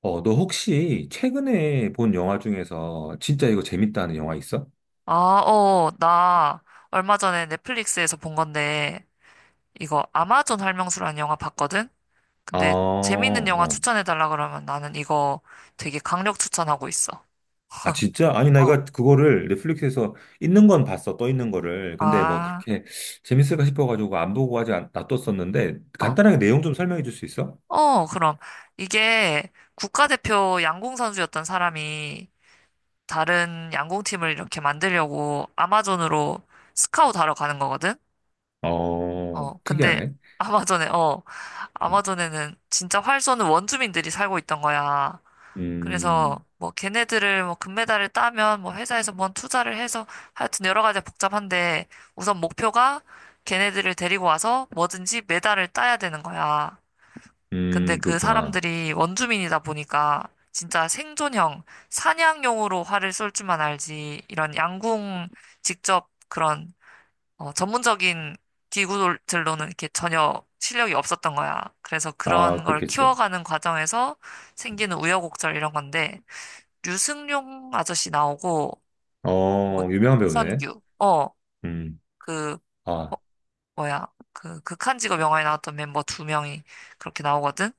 어, 너 혹시 최근에 본 영화 중에서 진짜 이거 재밌다는 영화 있어? 아, 나 얼마 전에 넷플릭스에서 본 건데, 이거 아마존 할명수라는 영화 봤거든? 아, 근데 재밌는 영화 어. 추천해달라 그러면 나는 이거 되게 강력 추천하고 있어. 아, 진짜? 아니, 어, 내가 그거를 넷플릭스에서 있는 건 봤어, 떠 있는 거를. 근데 뭐 아, 그렇게 재밌을까 싶어가지고 안 보고 놔뒀었는데, 어, 간단하게 내용 좀 설명해 줄 수 있어? 어, 그럼. 이게 국가대표 양궁 선수였던 사람이 다른 양궁팀을 이렇게 만들려고 아마존으로 스카웃하러 가는 거거든? 어, 근데 특이하네. 아마존에, 어, 음. 아마존에는 진짜 활쏘는 원주민들이 살고 있던 거야. 그래서 음. 뭐 걔네들을 뭐 금메달을 따면 뭐 회사에서 뭔 투자를 해서 하여튼 여러 가지 복잡한데 우선 목표가 걔네들을 데리고 와서 뭐든지 메달을 따야 되는 거야. 근데 음. 그 그렇구나. 사람들이 원주민이다 보니까 진짜 생존형 사냥용으로 활을 쏠 줄만 알지 이런 양궁 직접 그런 전문적인 기구들로는 이렇게 전혀 실력이 없었던 거야. 그래서 아, 그런 걸 그렇겠지. 키워가는 과정에서 생기는 우여곡절 이런 건데 류승룡 아저씨 나오고 뭐 어, 유명한 배우네. 김선규 음. 그 아. 뭐야 그 극한직업 영화에 나왔던 멤버 두 명이 그렇게 나오거든.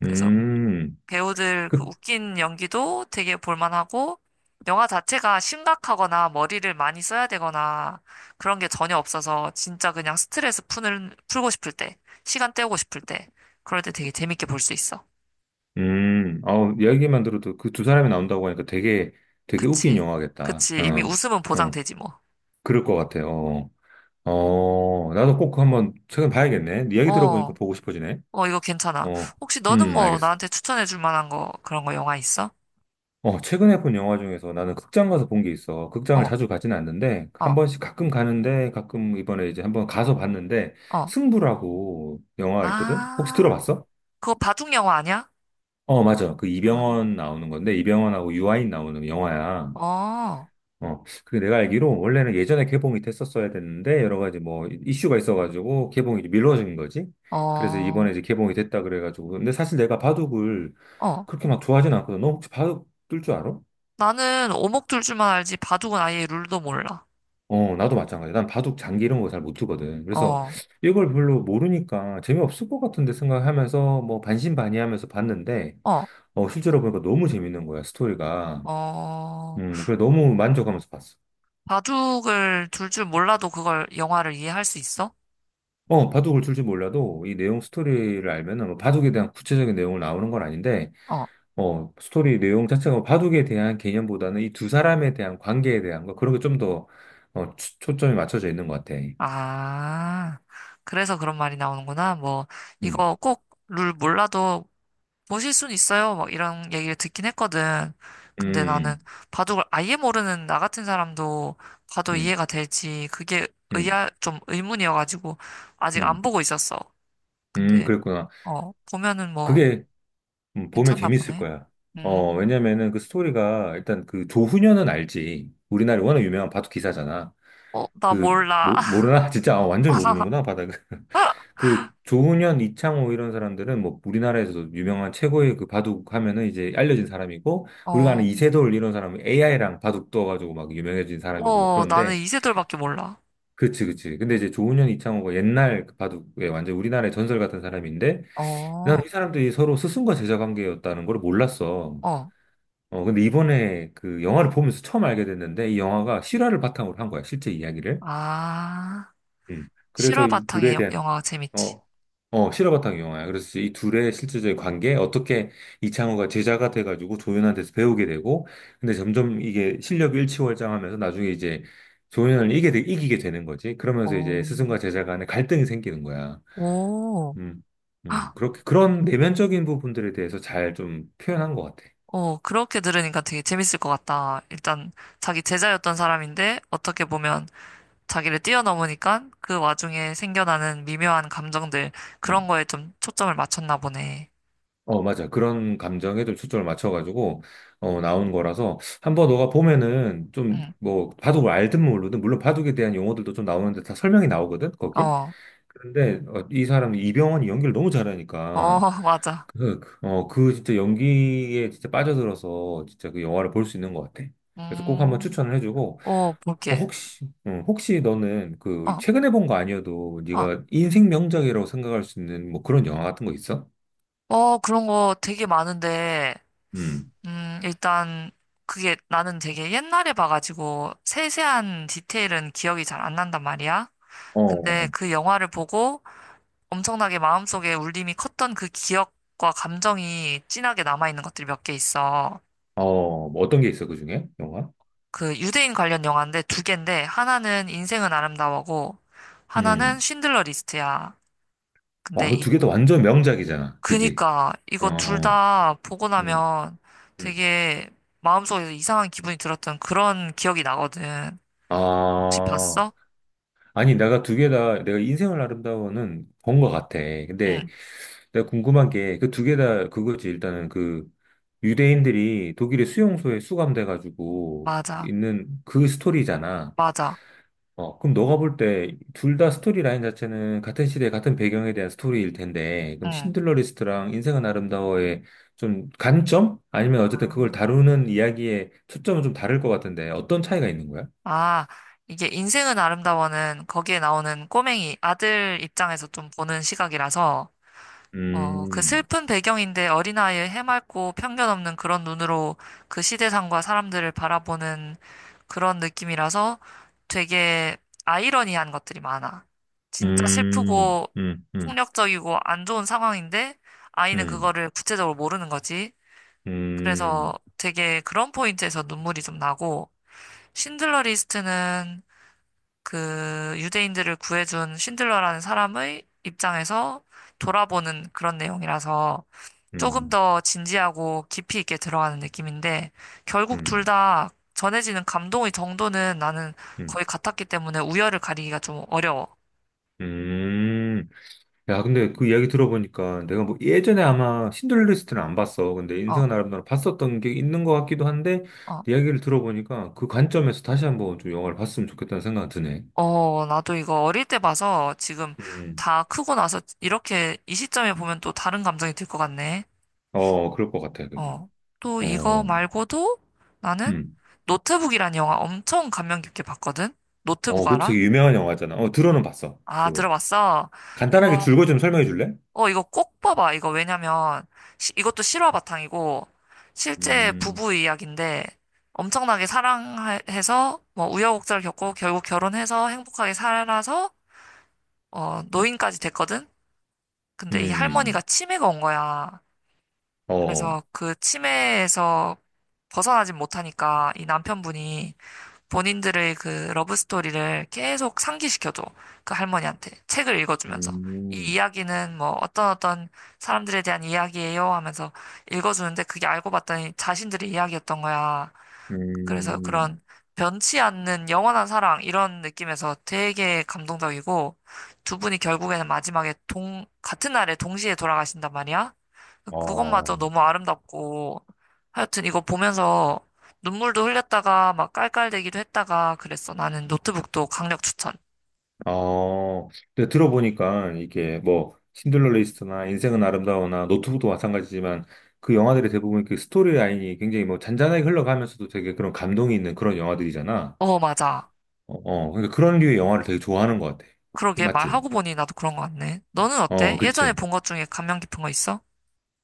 그래서 음. 배우들 그 그, 웃긴 연기도 되게 볼만하고 영화 자체가 심각하거나 머리를 많이 써야 되거나 그런 게 전혀 없어서 진짜 그냥 스트레스 푸는 풀고 싶을 때 시간 때우고 싶을 때 그럴 때 되게 재밌게 볼 수 있어. 아, 이야기만 들어도 그 두 사람이 나온다고 하니까 되게, 되게 웃긴 그치 영화겠다. 그치 이미 어, 웃음은 어, 보장되지 뭐. 그럴 것 같아요. 어, 어, 나도 꼭 한번 최근 봐야겠네. 이야기 들어보니까 어. 보고 싶어지네. 어, 이거 괜찮아. 어, 혹시 너는 뭐 알겠어. 나한테 추천해줄 만한 거, 그런 거 영화 있어? 어, 최근에 본 영화 중에서 나는 극장 가서 본 게 있어. 극장을 어, 자주 가진 않는데, 한 어, 번씩 가끔 가는데, 가끔 이번에 이제 한번 가서 봤는데, 어. 승부라고 영화가 있거든? 혹시 아, 들어봤어? 그거 바둑 영화 아니야? 어, 맞아. 그 아, 이병헌 나오는 건데, 이병헌하고 유아인 나오는 영화야. 어, 어, 그게 내가 알기로 원래는 예전에 개봉이 됐었어야 됐는데 여러 가지 뭐 이슈가 있어가지고 개봉이 이제 미뤄진 거지. 그래서 이번에 어, 이제 개봉이 됐다 그래가지고. 근데 사실 내가 바둑을 어. 그렇게 막 좋아하진 않거든. 너 혹시 바둑 뜰 줄 알아? 나는 오목둘줄만 알지 바둑은 아예 룰도 몰라. 어, 나도 마찬가지야. 난 바둑 장기 이런 거 잘 못 두거든. 그래서 어, 이걸 별로 모르니까 재미없을 것 같은데 생각하면서 뭐 반신반의하면서 봤는데 어, 어, 실제로 보니까 너무 재밌는 거야, 스토리가. 어. 그래 너무 만족하면서 봤어. 바둑을 둘 줄 몰라도 그걸 영화를 이해할 수 있어? 어, 바둑을 둘지 몰라도 이 내용 스토리를 알면은 뭐 바둑에 대한 구체적인 내용을 나오는 건 아닌데, 어, 어, 스토리 내용 자체가 뭐 바둑에 대한 개념보다는 이 두 사람에 대한 관계에 대한 거, 그런 게 좀 더, 어, 초점이 맞춰져 있는 것 같아. 아. 그래서 그런 말이 나오는구나. 뭐, 음. 이거 꼭 룰 몰라도 모실 순 있어요. 막 이런 얘기를 듣긴 했거든. 근데 나는 음. 바둑을 아예 모르는 나 같은 사람도 봐도 음. 이해가 될지 그게 음. 의아 좀 의문이어가지고 아직 안 음. 보고 있었어. 음. 근데 그랬구나. 보면은 뭐 그게 보면 괜찮나 재밌을 보네. 거야. 어, 음, 왜냐면은 그 스토리가 일단 그 조훈현은 알지. 우리나라에 워낙 유명한 바둑 기사잖아. 어, 나 그 몰라. 모르나? 진짜 아, 완전히 모르는구나 바닥을. 그 조훈현, 이창호 이런 사람들은 뭐 우리나라에서도 유명한 최고의 그 바둑 하면은 이제 알려진 사람이고 우리가 어, 아는 이세돌 이런 사람은 AI랑 바둑 떠가지고 막 유명해진 사람이고 뭐 어, 나는 그런데 이세돌밖에 몰라. 그치 그치. 근데 이제 조훈현, 이창호가 옛날 그 바둑에 완전 우리나라의 전설 같은 사람인데 어, 나는 이 사람들이 서로 스승과 제자 관계였다는 걸 몰랐어. 어, 어, 근데 이번에 그 영화를 보면서 처음 알게 됐는데 이 영화가 실화를 바탕으로 한 거야, 실제 이야기를. 아, 음. 그래서 실화 이 바탕의 둘에 대한 영화가 재밌지. 어, 어, 실화바탕 영화야. 그래서 이 둘의 실제적인 관계, 어떻게 이창호가 제자가 돼가지고 조연한테서 배우게 되고, 근데 점점 이게 실력이 일치월장하면서 나중에 이제 조연을 이기게, 이기게 되는 거지. 그러면서 이제 어, 스승과 제자 간에 갈등이 생기는 거야. 오. 음, 그렇게, 그런 내면적인 부분들에 대해서 잘 좀 표현한 것 같아. 어, 그렇게 들으니까 되게 재밌을 것 같다. 일단 자기 제자였던 사람인데 어떻게 보면 자기를 뛰어넘으니까 그 와중에 생겨나는 미묘한 감정들 그런 거에 좀 초점을 맞췄나 보네. 어, 맞아. 그런 감정에 좀 초점을 맞춰가지고, 어, 나온 거라서, 한번 너가 보면은, 좀, 응. 뭐, 바둑을 알든 모르든, 물론 바둑에 대한 용어들도 좀 나오는데 다 설명이 나오거든, 거기? 어. 그런데, 어, 이 사람, 이병헌이 연기를 너무 어, 잘하니까, 맞아. 그, 어, 그 진짜 연기에 진짜 빠져들어서, 진짜 그 영화를 볼 수 있는 것 같아. 그래서 꼭 한번 음. 추천을 해주고, 어, 어, 볼게. 혹시, 응, 혹시 너는 그, 어, 최근에 본 거 아니어도, 어. 네가 인생 명작이라고 생각할 수 있는 뭐 그런 영화 같은 거 있어? 어, 그런 거 되게 많은데 음. 일단 그게 나는 되게 옛날에 봐가지고 세세한 디테일은 기억이 잘 안 난단 말이야. 근데 어. 그 영화를 보고 엄청나게 마음속에 울림이 컸던 그 기억과 감정이 진하게 남아있는 것들이 몇 개 있어. 어, 뭐 어떤 게 있어, 그 중에? 영화? 그 유대인 관련 영화인데 두 개인데 하나는 인생은 아름다워고 하나는 음. 쉰들러 리스트야. 와, 근데 그 이 두 개 다 완전 명작이잖아. 그지? 그니까 이거 둘 어. 다 보고 음. 나면 음. 되게 마음속에서 이상한 기분이 들었던 그런 기억이 나거든. 혹시 아, 봤어? 아니, 내가 두 개 다, 내가 인생을 아름다워는 본 것 같아. 근데 응, 내가 궁금한 게, 그 두 개 다 그거지. 일단은 그 유대인들이 독일의 수용소에 수감돼가지고 맞아, 있는 그 스토리잖아. 맞아, 어, 그럼 너가 볼 때 둘 다 스토리 라인 자체는 같은 시대, 같은 배경에 대한 스토리일 텐데, 그럼 응. 신들러 리스트랑 인생은 아름다워의 좀 관점? 아니면 어쨌든 그걸 다루는 이야기의 초점은 좀 다를 것 같은데, 어떤 차이가 있는 거야? 아, 이게 인생은 아름다워는 거기에 나오는 꼬맹이 아들 입장에서 좀 보는 시각이라서, 어, 그 음. 슬픈 배경인데 어린아이의 해맑고 편견 없는 그런 눈으로 그 시대상과 사람들을 바라보는 그런 느낌이라서 되게 아이러니한 것들이 많아. 진짜 음. 슬프고 음. 음. 폭력적이고 안 좋은 상황인데 아이는 음. 그거를 구체적으로 모르는 거지. 그래서 음. 되게 그런 포인트에서 눈물이 좀 나고, 신들러 리스트는 그 유대인들을 구해준 신들러라는 사람의 입장에서 돌아보는 그런 내용이라서 조금 음. 더 진지하고 깊이 있게 들어가는 느낌인데 결국 둘 음. 다 전해지는 감동의 정도는 나는 음. 거의 같았기 때문에 우열을 가리기가 좀 어려워. 음. 야, 근데 그 이야기 들어보니까 내가 뭐 예전에 아마 신들리스트는 안 봤어. 근데 어, 인생은 아름다워 봤었던 게 있는 것 같기도 한데 어, 이야기를 들어보니까 그 관점에서 다시 한번 좀 영화를 봤으면 좋겠다는 생각이 드네. 어, 나도 이거 어릴 때 봐서 지금 음. 다 크고 나서 이렇게 이 시점에 보면 또 다른 감정이 들 것 같네. 어, 그럴 것 같아. 그지? 어. 또 이거 어. 말고도 나는 음. 노트북이란 영화 엄청 감명 깊게 봤거든? 노트북 어, 그것도 알아? 되게 유명한 영화잖아. 어, 들어는 봤어. 아, 그거. 들어봤어? 간단하게 이거, 줄거 좀 설명해 줄래? 이거 꼭 봐봐. 이거 왜냐면, 이것도 실화 바탕이고, 실제 음. 부부 이야기인데, 엄청나게 사랑해서, 뭐, 우여곡절 겪고, 결국 결혼해서 행복하게 살아서, 어, 노인까지 됐거든? 근데 이 할머니가 음. 치매가 온 거야. 어. 그래서 그 치매에서 벗어나진 못하니까 이 남편분이 본인들의 그 러브 스토리를 계속 상기시켜줘. 그 할머니한테 책을 읽어주면서 이 음. 이야기는 뭐 어떤 사람들에 대한 이야기예요 하면서 읽어주는데 그게 알고 봤더니 자신들의 이야기였던 거야. 그래서 음. 그런 변치 않는 영원한 사랑 이런 느낌에서 되게 감동적이고 두 분이 결국에는 마지막에 같은 날에 동시에 돌아가신단 말이야. 그것마저 어. 너무 아름답고 하여튼 이거 보면서 눈물도 흘렸다가 막 깔깔대기도 했다가 그랬어. 나는 노트북도 강력 추천. 어, 근데 들어보니까 이게 뭐 신들러 리스트나 인생은 아름다워나 노트북도 마찬가지지만 그 영화들이 대부분 그 스토리 라인이 굉장히 뭐 잔잔하게 흘러가면서도 되게 그런 감동이 있는 그런 영화들이잖아. 어, 맞아. 어, 어, 그러니까 그런 류의 영화를 되게 좋아하는 것 같아. 그 그러게 맞지? 말하고 보니 나도 그런 것 같네. 너는 어, 어때? 예전에 그치. 본 것 중에 감명 깊은 거 있어?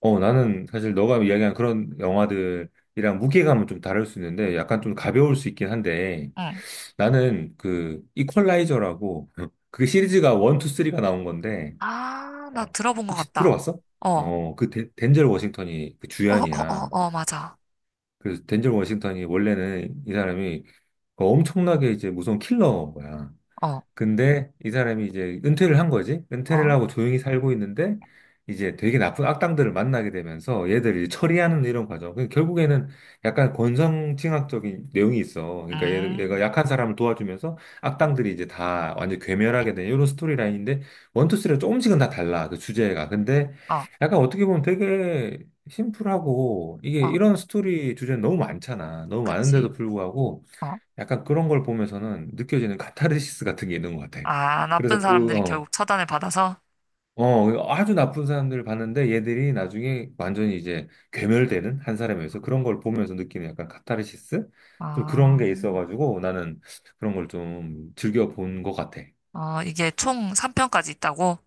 어, 나는 사실 너가 이야기한 그런 영화들이랑 무게감은 좀 다를 수 있는데 약간 좀 가벼울 수 있긴 한데 응. 나는 그 이퀄라이저라고 그게 시리즈가 1, 2, 3가 나온 건데 아, 나 어, 들어본 것 혹시 같다. 들어봤어? 어, 어, 어, 그 덴젤 워싱턴이 그 어, 어, 주연이야. 어, 맞아. 그래서 덴젤 워싱턴이 원래는 이 사람이 그 엄청나게 이제 무서운 킬러인 거야. 어, 근데 이 사람이 이제 은퇴를 한 거지. 은퇴를 어, 하고 조용히 살고 있는데 이제 되게 나쁜 악당들을 만나게 되면서 얘들을 이제 처리하는 이런 과정. 그 결국에는 약간 권선징악적인 내용이 있어. 그러니까 얘가 음, 약한 사람을 도와주면서 악당들이 이제 다 완전 괴멸하게 되는 이런 스토리라인인데 원투쓰리가 조금씩은 다 달라. 그 주제가. 근데 어, 약간 어떻게 보면 되게 심플하고 이게 어, 이런 스토리 주제는 너무 많잖아. 너무 그치, 많은데도 불구하고 어. 약간 그런 걸 보면서는 느껴지는 카타르시스 같은 게 있는 것 같아. 아, 나쁜 그래서 그, 사람들이 어, 결국 처단을 받아서, 어, 아주 나쁜 사람들을 봤는데 얘들이 나중에 완전히 이제 괴멸되는 한 사람에서 그런 걸 보면서 느끼는 약간 카타르시스? 좀 그런 아, 게 있어가지고 나는 그런 걸 좀 즐겨 본 것 같아. 어, 이게 총 3편까지 있다고?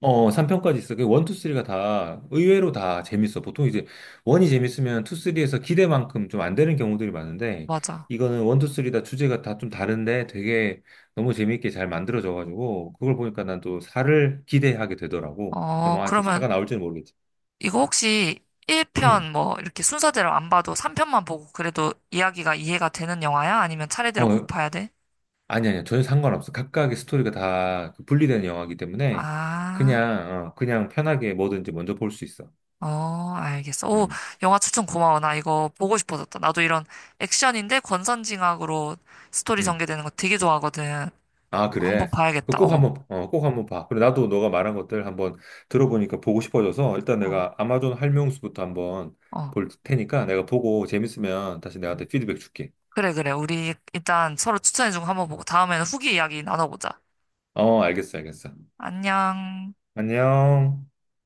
어, 3편까지 있어. 그 1, 2, 3가 다 의외로 다 재밌어. 보통 이제 1이 재밌으면 2, 3에서 기대만큼 좀 안 되는 경우들이 많은데 맞아. 이거는 1, 2, 3 다 주제가 다 좀 다른데 되게 너무 재밌게 잘 만들어져가지고 그걸 보니까 난 또 4를 기대하게 되더라고. 근데 어, 뭐 아직 그러면 4가 나올지는 모르겠지. 이거 혹시 1편 음. 뭐 이렇게 순서대로 안 봐도 3편만 보고 그래도 이야기가 이해가 되는 영화야? 아니면 차례대로 꼭 어, 봐야 돼? 아니 아니 전혀 상관없어. 각각의 스토리가 다그 분리된 영화이기 때문에 아, 그냥 어, 그냥 편하게 뭐든지 먼저 볼 수 있어. 어, 알겠어. 오, 음. 영화 추천 고마워. 나 이거 보고 싶어졌다. 나도 이런 액션인데 권선징악으로 스토리 음. 전개되는 거 되게 좋아하거든. 아, 어, 한번 그래. 봐야겠다. 그꼭 어, 한번, 어, 꼭 한번 봐. 그래, 나도 어, 너가 말한 것들 한번 들어보니까 보고 싶어져서 일단 어, 내가 아마존 할명수부터 한번 어. 볼 테니까 내가 보고 재밌으면 다시 응. 내한테 피드백 줄게. 그래, 그래. 우리 일단 서로 추천해준 거 한번 보고 다음에는 후기 이야기 나눠보자. 어, 알겠어, 알겠어. 안녕. 안녕.